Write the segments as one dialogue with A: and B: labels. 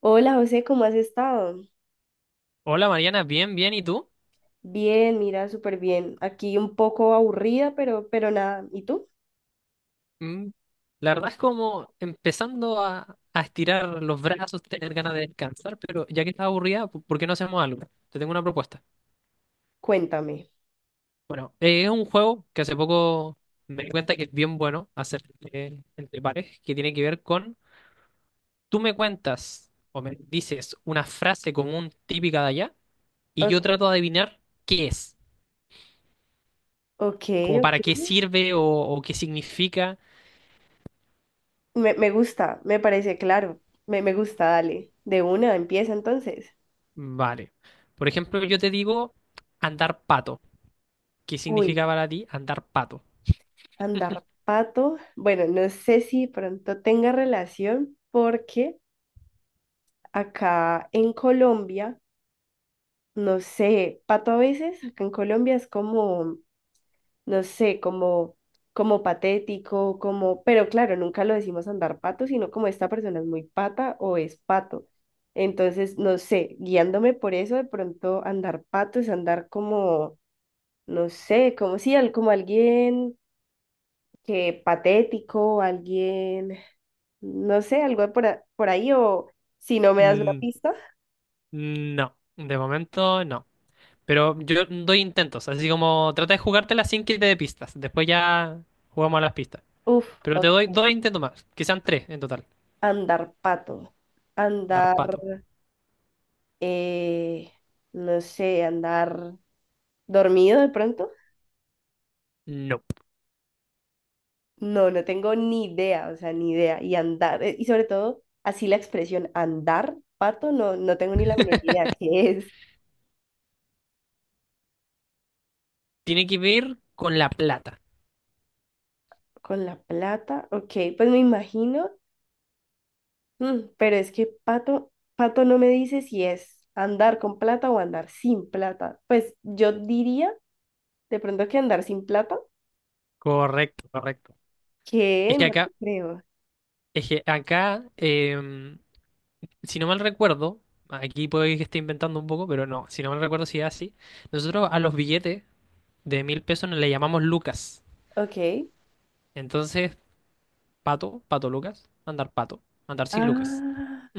A: Hola José, ¿cómo has estado?
B: Hola Mariana, bien, bien, ¿y tú?
A: Bien, mira, súper bien. Aquí un poco aburrida, pero nada. ¿Y tú?
B: Mm, La verdad es como empezando a estirar los brazos, tener ganas de descansar, pero ya que estás aburrida, ¿por qué no hacemos algo? Te tengo una propuesta.
A: Cuéntame.
B: Bueno, es un juego que hace poco me di cuenta que es bien bueno hacer entre pares, que tiene que ver con tú me cuentas o me dices una frase común típica de allá y
A: Ok,
B: yo trato de adivinar qué es,
A: ok.
B: como
A: Ok.
B: para qué sirve o qué significa.
A: Me gusta, me parece claro. Me gusta, dale. De una, empieza entonces.
B: Vale. Por ejemplo, yo te digo andar pato. ¿Qué significa
A: Uy,
B: para ti andar pato?
A: andar pato. Bueno, no sé si pronto tenga relación porque acá en Colombia, no sé, pato a veces, acá en Colombia es como no sé, como, como patético, como, pero claro, nunca lo decimos andar pato, sino como esta persona es muy pata o es pato. Entonces, no sé, guiándome por eso, de pronto andar pato es andar como, no sé, como si al, como alguien que patético, alguien, no sé, algo por, por ahí, o si no me das una
B: Mm,
A: pista,
B: no, de momento no. Pero yo doy intentos, así como trata de jugártela sin que te dé pistas. Después ya jugamos a las pistas.
A: uff,
B: Pero te
A: ok,
B: doy dos intentos más, que sean tres en total.
A: andar pato,
B: Dar
A: andar,
B: pato.
A: eh, no sé, andar. ¿Dormido de pronto?
B: No.
A: No, no tengo ni idea, o sea, ni idea. Y andar, y sobre todo, así la expresión andar, pato, no, no tengo ni la menor idea qué es.
B: Tiene que ver con la plata.
A: Con la plata, ok, pues me imagino, mm, pero es que pato, pato no me dice si es andar con plata o andar sin plata. Pues yo diría de pronto que andar sin plata,
B: Correcto, correcto.
A: que
B: Es que
A: no te
B: acá,
A: creo.
B: es que acá, si no mal recuerdo, aquí puede que esté inventando un poco, pero no, si no mal recuerdo si es así, nosotros a los billetes de 1000 pesos le llamamos lucas.
A: Ok.
B: Entonces, pato, pato Lucas, andar pato, andar sin Lucas.
A: Ah.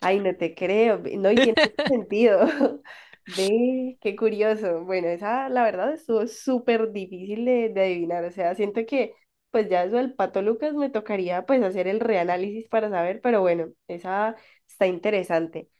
A: Ay, no te creo, no, y tiene mucho sentido. Ve, qué curioso. Bueno, esa la verdad estuvo súper difícil de adivinar. O sea, siento que pues ya eso del Pato Lucas me tocaría pues hacer el reanálisis para saber, pero bueno, esa está interesante.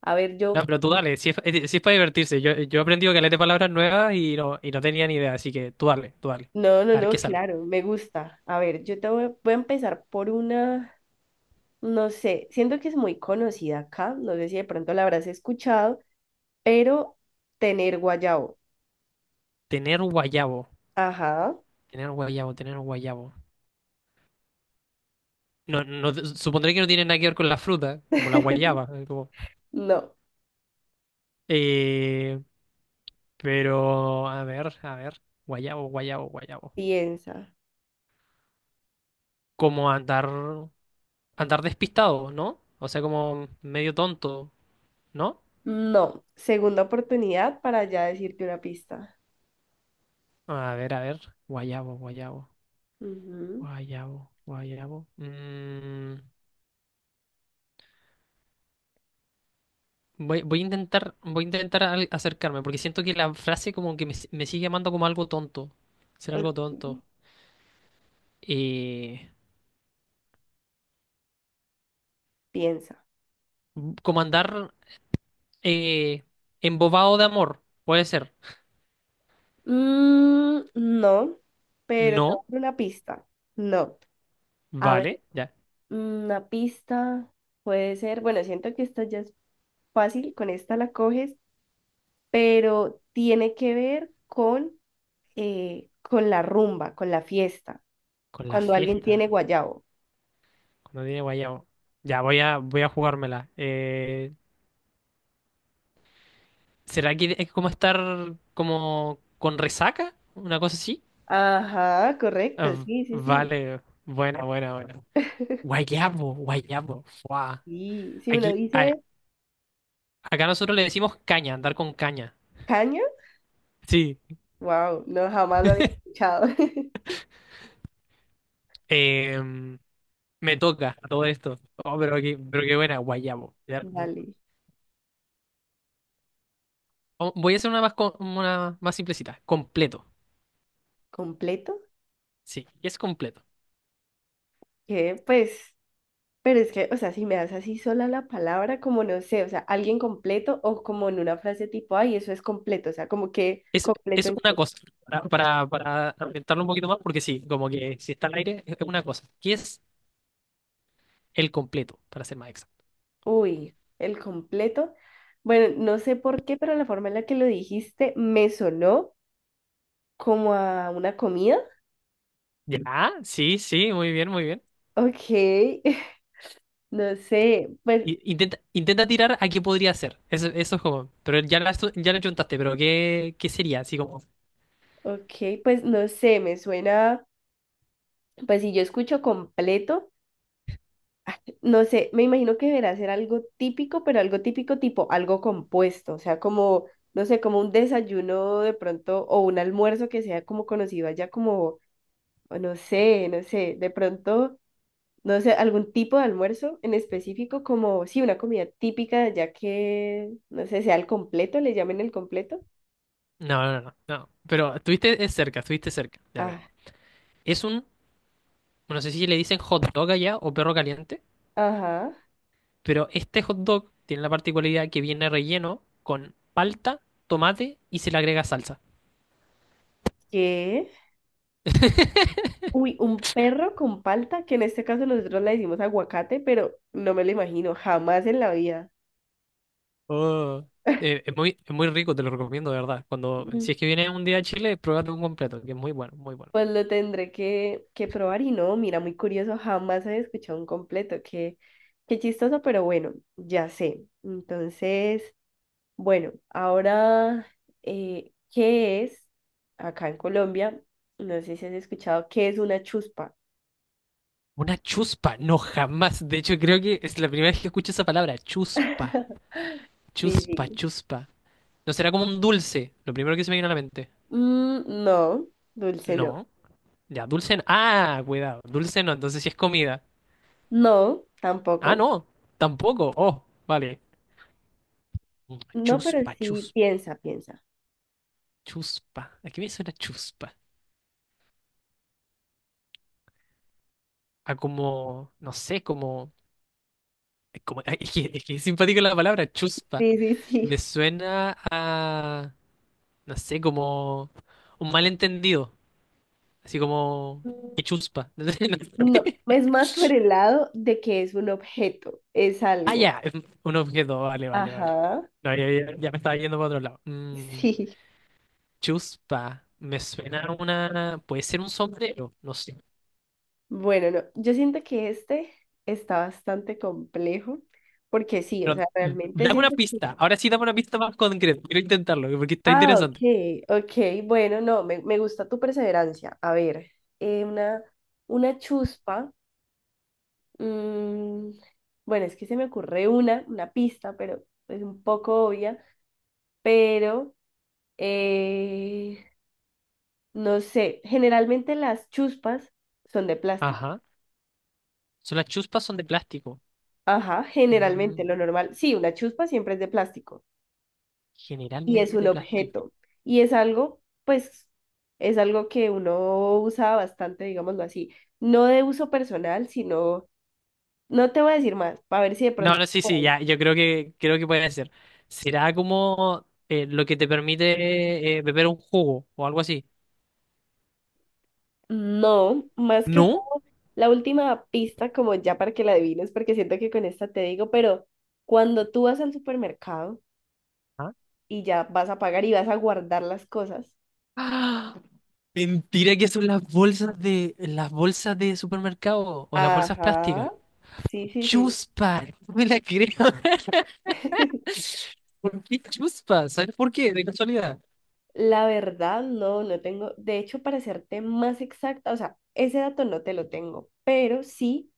A: A ver,
B: No,
A: yo,
B: pero tú dale, si es, si es para divertirse. Yo he aprendido que de palabras nuevas y no tenía ni idea, así que tú dale, tú dale.
A: no, no,
B: A ver
A: no,
B: qué sale.
A: claro, me gusta. A ver, yo te voy, voy a empezar por una, no sé, siento que es muy conocida acá, no sé si de pronto la habrás escuchado, pero tener guayabo.
B: Tener guayabo,
A: Ajá.
B: tener guayabo, tener guayabo. No, no, supondré que no tiene nada que ver con la fruta, como la guayaba.
A: No,
B: Eh, pero, a ver, a ver. Guayabo, guayabo, guayabo.
A: piensa.
B: Como andar, andar despistado, ¿no? O sea, como medio tonto, ¿no?
A: No, segunda oportunidad para ya decirte una pista.
B: A ver, a ver. Guayabo, guayabo,
A: Ujú.
B: guayabo, guayabo. Voy a intentar, voy a intentar acercarme, porque siento que la frase como que me, si- me sigue llamando como algo tonto. Ser
A: Ok,
B: algo tonto. Eh,
A: piensa.
B: como andar eh, embobado de amor. Puede ser.
A: Mm, no, pero te voy
B: No,
A: a dar una pista. No. A ver,
B: vale, ya.
A: una pista puede ser, bueno, siento que esta ya es fácil, con esta la coges, pero tiene que ver con la rumba, con la fiesta,
B: Con la
A: cuando alguien
B: fiesta.
A: tiene guayabo.
B: Cuando tiene guayabo. Ya, voy a, voy a jugármela. ¿Será que es como estar como con resaca? ¿Una cosa así?
A: Ajá, correcto,
B: Ah,
A: sí, sí, sí.
B: vale, buena, buena, buena. Guayabo, guayabo. Fuá.
A: Sí, si uno
B: Aquí,
A: dice
B: acá nosotros le decimos caña, andar con caña.
A: caña,
B: Sí.
A: wow, no, jamás lo había escuchado.
B: Em, me toca todo esto. Oh, pero qué buena, guayabo. Ya,
A: Dale,
B: oh, voy a hacer una más, una más simplecita. Completo.
A: completo,
B: Sí, es completo.
A: que pues, pero es que, o sea, si me das así sola la palabra, como no sé, o sea, alguien completo o como en una frase tipo, ay, eso es completo, o sea, como que completo
B: Es
A: en qué,
B: una cosa. Para ambientarlo un poquito más, porque sí, como que si está al aire, es una cosa. ¿Qué es el completo, para ser más exacto?
A: uy, el completo. Bueno, no sé por qué, pero la forma en la que lo dijiste me sonó como a una comida.
B: Ya, sí, sí, muy bien, muy bien.
A: Ok, no sé, pues,
B: Intenta, intenta tirar a qué podría ser. Eso es como. Pero ya la, ya la chuntaste, pero ¿qué, qué sería? Así como.
A: ok, pues no sé, me suena, pues si yo escucho completo. No sé, me imagino que deberá ser algo típico, pero algo típico tipo algo compuesto, o sea, como, no sé, como un desayuno de pronto o un almuerzo que sea como conocido allá como, o no sé, no sé, de pronto, no sé, algún tipo de almuerzo en específico como, sí, una comida típica de allá que, no sé, sea el completo, le llamen el completo.
B: No, no, no, no, no. Pero estuviste es cerca, estuviste cerca. Ya, ver.
A: Ah,
B: Es un. No sé si le dicen hot dog allá o perro caliente.
A: ajá,
B: Pero este hot dog tiene la particularidad que viene relleno con palta, tomate y se le agrega salsa.
A: ¿qué? Uy, un perro con palta, que en este caso nosotros le decimos aguacate, pero no me lo imagino jamás en la vida.
B: Oh. Es muy rico, te lo recomiendo, de verdad. Cuando, si es que vienes un día a Chile, pruébate un completo, que es muy bueno, muy bueno.
A: Pues lo tendré que probar y no, mira, muy curioso, jamás he escuchado un completo, qué, qué chistoso, pero bueno, ya sé. Entonces, bueno, ahora, ¿qué es acá en Colombia? No sé si has escuchado, ¿qué es una chuspa?
B: Una chuspa, no jamás. De hecho, creo que es la primera vez que escucho esa palabra. Chuspa,
A: Sí,
B: chuspa,
A: sí.
B: chuspa. ¿No será como un dulce? Lo primero que se me vino a la mente.
A: Mm, no, dulce no.
B: No. Ya, dulce. No. Ah, cuidado. Dulce no, entonces sí es comida.
A: No, tampoco.
B: Ah, no. Tampoco. Oh, vale. Mm,
A: No, pero
B: chuspa,
A: sí,
B: chuspa,
A: piensa, piensa.
B: chuspa. ¿A qué me suena chuspa? A como, no sé, como... como es que, es que es simpático la palabra chuspa.
A: Sí, sí, sí.
B: Me suena a, no sé, como un malentendido. Así como... ¡Qué chuspa! No sé, no.
A: No, es más por el lado de que es un objeto, es
B: Ah,
A: algo.
B: ya. Un objeto. Vale, vale, vale.
A: Ajá,
B: No, ya, ya me estaba yendo para otro lado.
A: sí.
B: Chuspa. Me suena a una... Puede ser un sombrero. No sé.
A: Bueno, no, yo siento que este está bastante complejo, porque sí, o
B: Pero
A: sea, realmente
B: dame una
A: siento que...
B: pista. Ahora sí dame una pista más concreta. Quiero intentarlo porque está
A: Ah, ok,
B: interesante.
A: ok, bueno, no, me gusta tu perseverancia. A ver, eh, una, una chuspa, mm, bueno, es que se me ocurre una pista, pero es un poco obvia, pero, eh, no sé, generalmente las chuspas son de plástico.
B: Ajá. Son las chuspas son de plástico.
A: Ajá, generalmente
B: Mm,
A: lo normal. Sí, una chuspa siempre es de plástico y es
B: generalmente
A: un
B: de plástico.
A: objeto y es algo, pues, es algo que uno usa bastante, digámoslo así. No de uso personal, sino, no te voy a decir más, para ver si de
B: No,
A: pronto
B: no, sí,
A: por
B: sí,
A: ahí.
B: ya, yo creo que puede ser. Será como lo que te permite beber un jugo o algo así.
A: No, más que
B: ¿No?
A: todo, la última pista, como ya para que la adivines, porque siento que con esta te digo, pero cuando tú vas al supermercado
B: ¿Ah?
A: y ya vas a pagar y vas a guardar las cosas.
B: ¡Ah! Mentira que son las bolsas de supermercado o las bolsas plásticas.
A: Ajá, sí, sí, sí.
B: Chuspa, no me la creo. ¿Por qué chuspa? ¿Sabes por qué? De casualidad.
A: La verdad, no, no tengo. De hecho, para serte más exacta, o sea, ese dato no te lo tengo, pero sí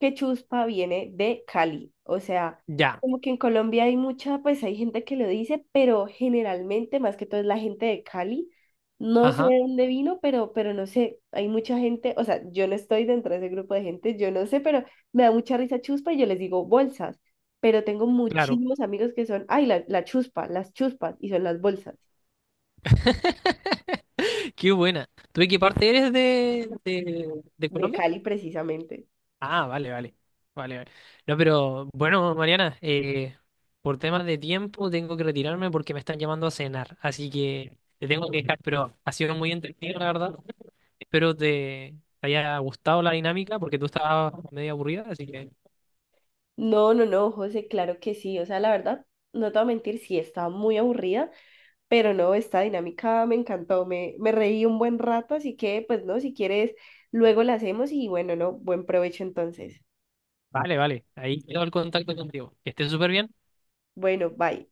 A: que Chuspa viene de Cali. O sea,
B: Ya,
A: como que en Colombia hay mucha, pues hay gente que lo dice, pero generalmente, más que todo, es la gente de Cali. No sé
B: ajá,
A: de dónde vino, pero no sé, hay mucha gente, o sea, yo no estoy dentro de ese grupo de gente, yo no sé, pero me da mucha risa Chuspa y yo les digo bolsas, pero tengo
B: claro.
A: muchísimos amigos que son, ay, la Chuspa, las Chuspas, y son las bolsas.
B: Qué buena. ¿Tú de qué parte eres de
A: De
B: Colombia?
A: Cali precisamente.
B: Ah, vale, vale. Vale, vale. No, pero bueno, Mariana, por temas de tiempo tengo que retirarme porque me están llamando a cenar. Así que te tengo que dejar, pero ha sido muy entretenido, la verdad. Espero te, te haya gustado la dinámica porque tú estabas medio aburrida. Así que
A: No, no, no, José, claro que sí. O sea, la verdad, no te voy a mentir, sí, estaba muy aburrida, pero no, esta dinámica me encantó, me reí un buen rato, así que, pues no, si quieres, luego la hacemos y bueno, no, buen provecho entonces.
B: vale, vale. Ahí quedo el contacto contigo. Que estés súper bien.
A: Bueno, bye.